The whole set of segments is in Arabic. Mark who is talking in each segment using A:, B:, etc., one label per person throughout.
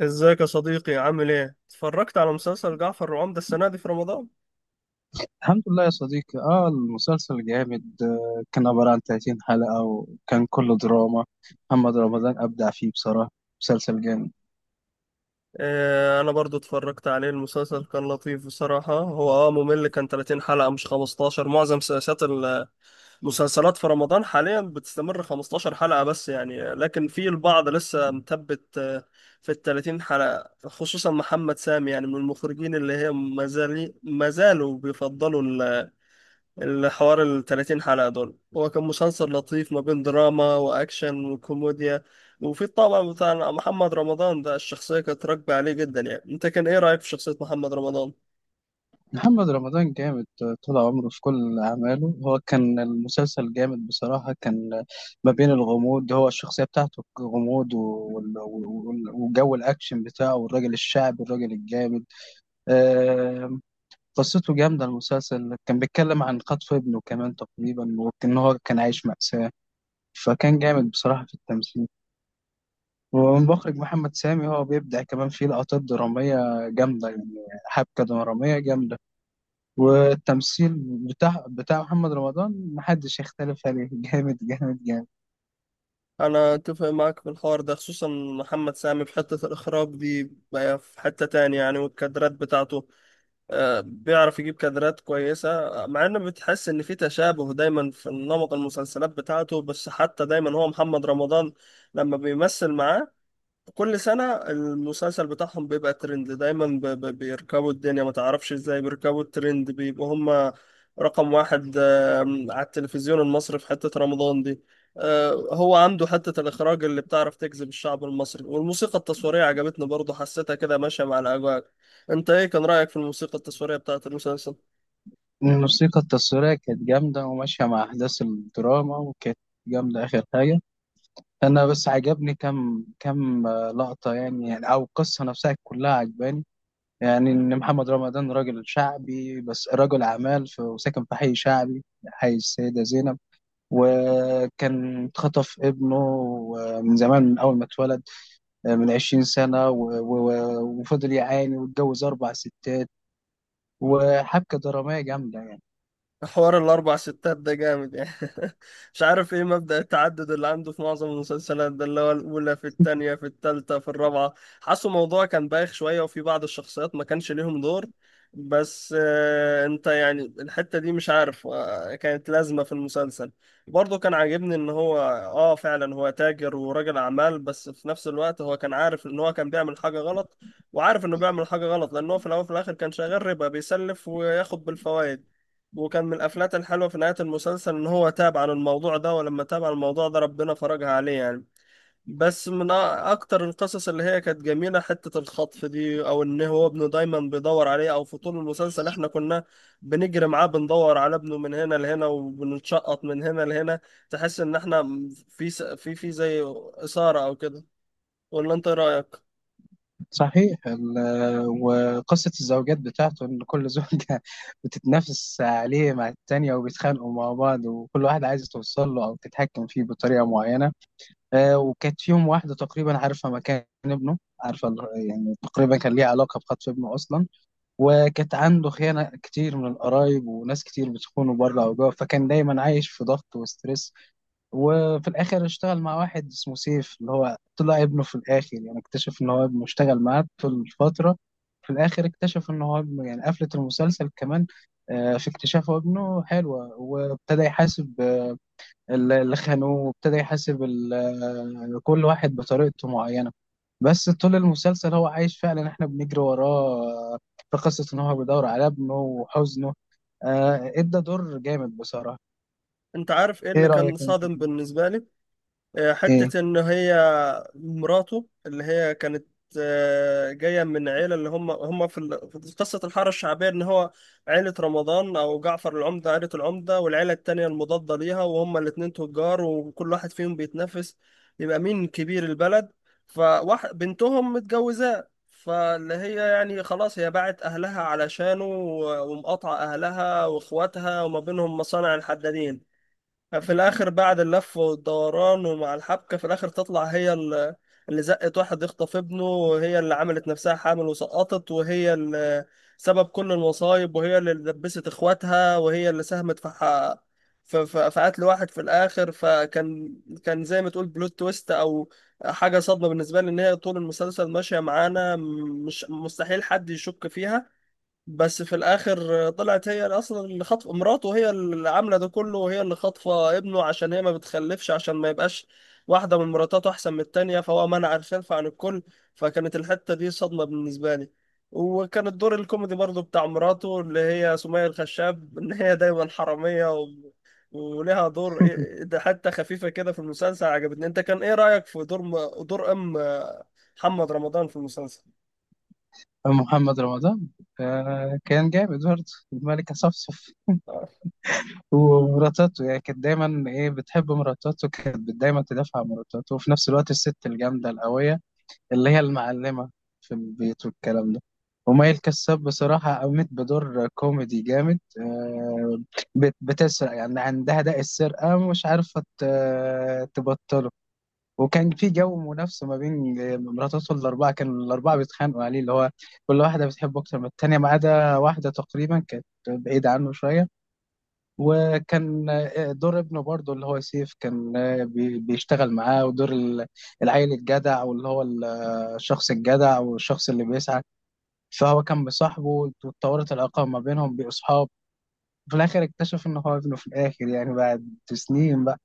A: ازيك يا صديقي؟ عامل ايه؟ اتفرجت على مسلسل جعفر العمدة السنة دي في رمضان؟
B: الحمد لله يا صديقي، المسلسل جامد كان عبارة عن 30 حلقة وكان كله دراما. محمد رمضان أبدع فيه بصراحة. مسلسل جامد.
A: اه، انا برضو اتفرجت عليه. المسلسل كان لطيف بصراحة، هو ممل، كان 30 حلقة مش 15. معظم سياسات المسلسلات في رمضان حاليا بتستمر 15 حلقة بس يعني، لكن في البعض لسه مثبت في ال 30 حلقة، خصوصا محمد سامي يعني، من المخرجين اللي هي ما زالوا بيفضلوا الحوار ال 30 حلقة دول. هو كان مسلسل لطيف ما بين دراما وأكشن وكوميديا، وفي الطابع بتاع محمد رمضان ده الشخصية كانت راكبة عليه جدا يعني. أنت كان إيه رأيك في شخصية محمد رمضان؟
B: محمد رمضان جامد طول عمره في كل أعماله. هو كان المسلسل جامد بصراحة، كان ما بين الغموض، هو الشخصية بتاعته غموض، وجو الأكشن بتاعه، والراجل الشعبي، الراجل الجامد آه، قصته جامدة. المسلسل كان بيتكلم عن خطف ابنه كمان تقريبا، وإن هو كان عايش مأساة، فكان جامد بصراحة في التمثيل. والمخرج محمد سامي هو بيبدع كمان في لقطات درامية جامدة، يعني حبكة درامية جامدة. والتمثيل بتاع محمد رمضان محدش يختلف عليه جامد جامد جامد.
A: أنا أتفق معاك في الحوار ده، خصوصا محمد سامي في حتة الإخراج دي. بقى في حتة تانية يعني، والكادرات بتاعته بيعرف يجيب كادرات كويسة، مع إن بتحس إن في تشابه دايما في نمط المسلسلات بتاعته، بس حتى دايما هو محمد رمضان لما بيمثل معاه كل سنة المسلسل بتاعهم بيبقى ترند دايما، بيركبوا الدنيا ما تعرفش ازاي، بيركبوا الترند، بيبقوا هما رقم واحد على التلفزيون المصري في حتة رمضان دي. هو عنده حتة الإخراج اللي بتعرف تجذب الشعب المصري، والموسيقى التصويرية عجبتني برضه، حسيتها كده ماشية مع الأجواء. انت ايه كان رأيك في الموسيقى التصويرية بتاعة المسلسل؟
B: الموسيقى التصويرية كانت جامدة وماشية مع أحداث الدراما، وكانت جامدة آخر حاجة. أنا بس عجبني كم لقطة، يعني أو القصة نفسها كلها عجباني. يعني إن محمد رمضان راجل شعبي بس رجل أعمال، وساكن في حي شعبي، حي السيدة زينب. وكان اتخطف ابنه من زمان، من أول ما اتولد، من 20 سنة، وفضل يعاني، واتجوز أربع ستات، وحبكة درامية جامدة يعني.
A: حوار الأربع ستات ده جامد يعني. مش عارف إيه مبدأ التعدد اللي عنده في معظم المسلسلات ده، اللي هو الأولى في التانية في التالتة في الرابعة. حاسه موضوع كان بايخ شوية، وفي بعض الشخصيات ما كانش ليهم دور، بس آه، أنت يعني الحتة دي مش عارف، كانت لازمة في المسلسل. برضه كان عاجبني إن هو، فعلا هو تاجر وراجل أعمال، بس في نفس الوقت هو كان عارف إن هو كان بيعمل حاجة غلط، وعارف إنه بيعمل حاجة غلط، لأن هو في الأول وفي الآخر كان شغال ربا، بيسلف وياخد بالفوائد. وكان من الافلات الحلوه في نهايه المسلسل ان هو تاب عن الموضوع ده، ولما تاب عن الموضوع ده ربنا فرجها عليه يعني. بس من اكتر القصص اللي هي كانت جميله حته الخطف دي، او ان هو ابنه دايما بيدور عليه، او في طول المسلسل احنا كنا بنجري معاه، بندور على ابنه من هنا لهنا، وبنتشقط من هنا لهنا. تحس ان احنا في في زي اثاره او كده، ولا انت إيه رايك؟
B: صحيح، وقصة الزوجات بتاعته، إن كل زوجة بتتنافس عليه مع التانية، وبيتخانقوا مع بعض، وكل واحد عايز توصل له أو تتحكم فيه بطريقة معينة. وكانت فيهم واحدة تقريبا عارفة مكان ابنه، عارفة يعني تقريبا كان ليها علاقة بخطف ابنه أصلا. وكانت عنده خيانة كتير من القرايب، وناس كتير بتخونه بره أو جوه، فكان دايما عايش في ضغط وستريس. وفي الآخر اشتغل مع واحد اسمه سيف، اللي هو طلع ابنه في الآخر، يعني اكتشف إن هو ابنه اشتغل معاه طول الفترة. في الآخر اكتشف إن هو ابنه، يعني قفلة المسلسل كمان في اكتشاف ابنه حلوة، وابتدى يحاسب اللي خانوه، وابتدى يحاسب كل واحد بطريقته معينة. بس طول المسلسل هو عايش فعلا، احنا بنجري وراه في قصة ان هو بيدور على ابنه وحزنه ادى دور جامد بصراحة.
A: انت عارف ايه
B: ايه
A: اللي كان
B: رأيك انت
A: صادم
B: فيه؟
A: بالنسبه لي؟
B: ايه.
A: حتة إن هي مراته اللي هي كانت، جاية من عيلة، اللي هم في في قصة الحارة الشعبية، إن هو عيلة رمضان أو جعفر العمدة، عيلة العمدة والعيلة التانية المضادة ليها، وهم الاتنين تجار وكل واحد فيهم بيتنافس يبقى مين كبير البلد. فواحد بنتهم متجوزاه، فاللي هي يعني خلاص هي باعت أهلها علشانه، ومقاطعة أهلها وإخواتها، وما بينهم مصانع الحدادين. في الاخر بعد اللف والدوران ومع الحبكه، في الاخر تطلع هي اللي زقت واحد يخطف ابنه، وهي اللي عملت نفسها حامل وسقطت، وهي اللي سبب كل المصايب، وهي اللي دبست اخواتها، وهي اللي ساهمت في في في قتل واحد في الاخر. فكان زي ما تقول بلوت تويست او حاجه صدمه بالنسبه لي، ان هي طول المسلسل ماشيه معانا، مش مستحيل حد يشك فيها. بس في الاخر طلعت هي اللي اصلا اللي خاطفه مراته، هي اللي عامله ده كله، وهي اللي خاطفه ابنه عشان هي ما بتخلفش، عشان ما يبقاش واحده من مراتاته احسن من التانيه، فهو منع الخلف عن الكل. فكانت الحته دي صدمه بالنسبه لي. وكان الدور الكوميدي برضو بتاع مراته اللي هي سمية الخشاب ان هي دايما حراميه ولها دور إيه- إيه، ده حتى خفيفه كده في المسلسل عجبتني. انت كان ايه رايك في دور دور ام محمد رمضان في المسلسل؟
B: محمد رمضان كان جامد برضه، الملكة صفصف، ومراتاته يعني، كانت دايما بتحب مراتاته، كانت دايما تدافع عن مراتاته، وفي نفس الوقت الست الجامدة القوية اللي هي المعلمة في البيت والكلام ده. ومي الكساب بصراحة قامت بدور كوميدي جامد بتسرق يعني، عندها داء السرقة مش عارفة تبطله. وكان في جو منافسة ما بين مراتاته الأربعة، كانوا الأربعة بيتخانقوا عليه، اللي هو كل واحدة بتحبه أكتر من التانية، ما عدا واحدة تقريبا كانت بعيدة عنه شوية. وكان دور ابنه برضه، اللي هو سيف، كان بيشتغل معاه، ودور العيل الجدع، واللي هو الشخص الجدع، او الشخص اللي بيسعى. فهو كان بصاحبه، واتطورت العلاقه ما بينهم بأصحاب. في الاخر اكتشف ان هو ابنه، في الاخر يعني بعد سنين بقى.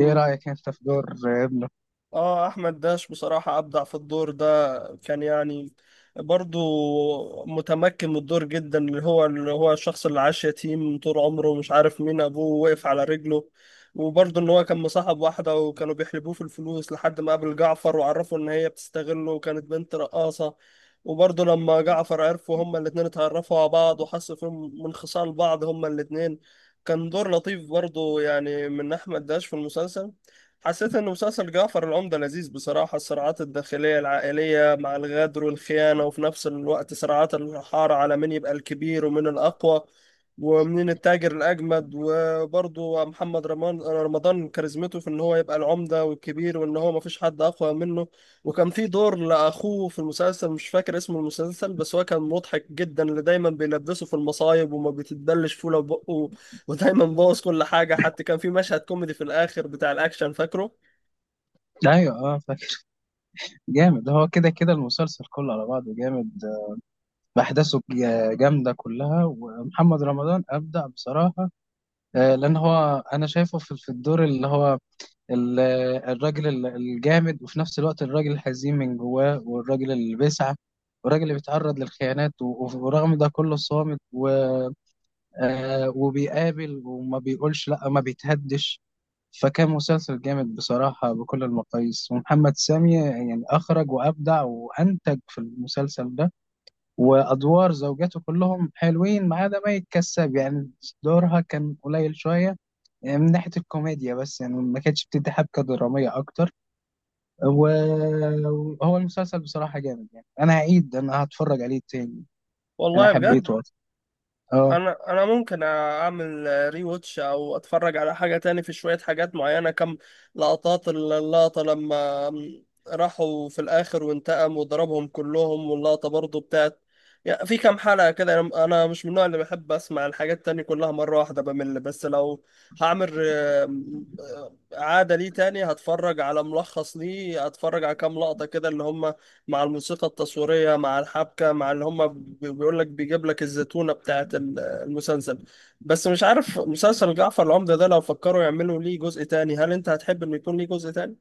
B: ايه رايك انت في دور ابنه؟
A: اه، احمد داش بصراحة ابدع في الدور ده، كان يعني برضو متمكن من الدور جدا، اللي هو الشخص اللي عاش يتيم طول عمره مش عارف مين ابوه، وقف على رجله. وبرضو ان هو كان مصاحب واحدة وكانوا بيحلبوه في الفلوس، لحد ما قابل جعفر وعرفوا ان هي بتستغله، وكانت بنت رقاصة. وبرضو لما جعفر عرفوا هما الاتنين، اتعرفوا على بعض وحسوا فيهم من خصال بعض هما الاتنين. كان دور لطيف برضو يعني من احمد داش في المسلسل. حسيت إن مسلسل جعفر العمدة لذيذ بصراحة، الصراعات الداخلية العائلية مع الغدر والخيانة، وفي نفس الوقت صراعات الحارة على مين يبقى الكبير ومين الأقوى ومين التاجر الأجمد. وبرضه محمد رمضان كاريزمته في إن هو يبقى العمدة والكبير، وإن هو مفيش حد أقوى منه. وكان في دور لأخوه في المسلسل مش فاكر اسم المسلسل، بس هو كان مضحك جدا، اللي دايما بيلبسه في المصايب وما بيتبلش فيه لو بقه، ودايما بوظ كل حاجه، حتى كان في مشهد كوميدي في الاخر بتاع الاكشن فاكره.
B: ايوه، اه، فاكر. جامد، هو كده كده المسلسل كله على بعضه جامد، بأحداثه جامدة كلها، ومحمد رمضان أبدع بصراحة لأن هو أنا شايفه في الدور اللي هو ال- الراجل الجامد، وفي نفس الوقت الراجل الحزين من جواه، والراجل اللي بيسعى، والراجل اللي بيتعرض للخيانات، ورغم ده كله صامت. وبيقابل وما بيقولش لا، ما بيتهدش. فكان مسلسل جامد بصراحة بكل المقاييس، ومحمد سامي يعني أخرج وأبدع وأنتج في المسلسل ده. وأدوار زوجاته كلهم حلوين، ما عدا مي الكساب، يعني دورها كان قليل شوية، يعني من ناحية الكوميديا بس، يعني ما كانتش بتدي حبكة درامية أكتر. وهو المسلسل بصراحة جامد، يعني أنا هعيد، أنا هتفرج عليه تاني. أنا
A: والله بجد.
B: حبيته أصلا. أه.
A: انا ممكن اعمل ري واتش او اتفرج على حاجه تاني في شويه حاجات معينه، كم لقطات، اللقطه لما راحوا في الاخر وانتقم وضربهم كلهم، واللقطه برضو بتاعت يعني في كم حلقه كده. انا مش من النوع اللي بحب اسمع الحاجات التانية كلها مره واحده، بمل. بس لو هعمل عاده ليه تاني هتفرج على ملخص ليه، هتفرج على كام لقطه كده، اللي هم مع الموسيقى التصويريه مع الحبكه، مع اللي هم بيقول لك، بيجيب لك الزتونه بتاعت المسلسل. بس مش عارف، مسلسل جعفر العمدة ده لو فكروا يعملوا ليه جزء تاني، هل انت هتحب انه يكون ليه جزء تاني؟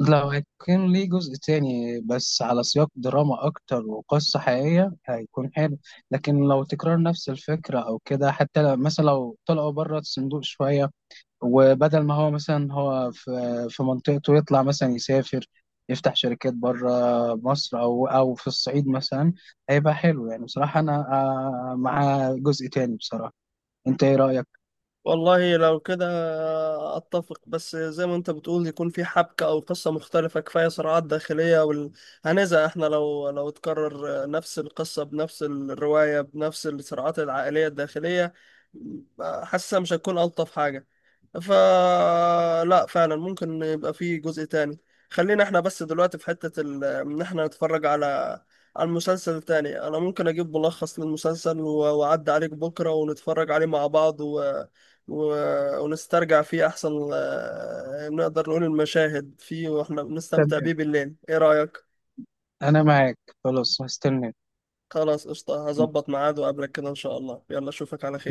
B: لو هيكون ليه جزء تاني بس على سياق دراما أكتر وقصة حقيقية، هيكون حلو. لكن لو تكرار نفس الفكرة أو كده، حتى مثلا لو طلعوا بره الصندوق شوية، وبدل ما هو مثلا هو في منطقته يطلع مثلا يسافر، يفتح شركات بره مصر، أو في الصعيد مثلا، هيبقى حلو يعني بصراحة. أنا مع جزء تاني بصراحة. انت ايه رأيك؟
A: والله لو كده اتفق، بس زي ما انت بتقول يكون في حبكة او قصة مختلفة. كفاية صراعات داخلية هنزهق احنا لو تكرر نفس القصة بنفس الرواية بنفس الصراعات العائلية الداخلية، حاسة مش هتكون ألطف حاجة. فلا فعلا ممكن يبقى فيه جزء تاني. خلينا احنا بس دلوقتي في حتة ان احنا نتفرج على المسلسل التاني. انا ممكن اجيب ملخص للمسلسل واعدي عليك بكرة ونتفرج عليه مع بعض و... ونسترجع فيه احسن، نقدر نقول المشاهد فيه واحنا بنستمتع
B: تمام،
A: بيه بالليل، ايه رأيك؟
B: انا معاك، خلاص هستناك.
A: خلاص قشطة، هظبط ميعاد وقابلك كده ان شاء الله، يلا اشوفك على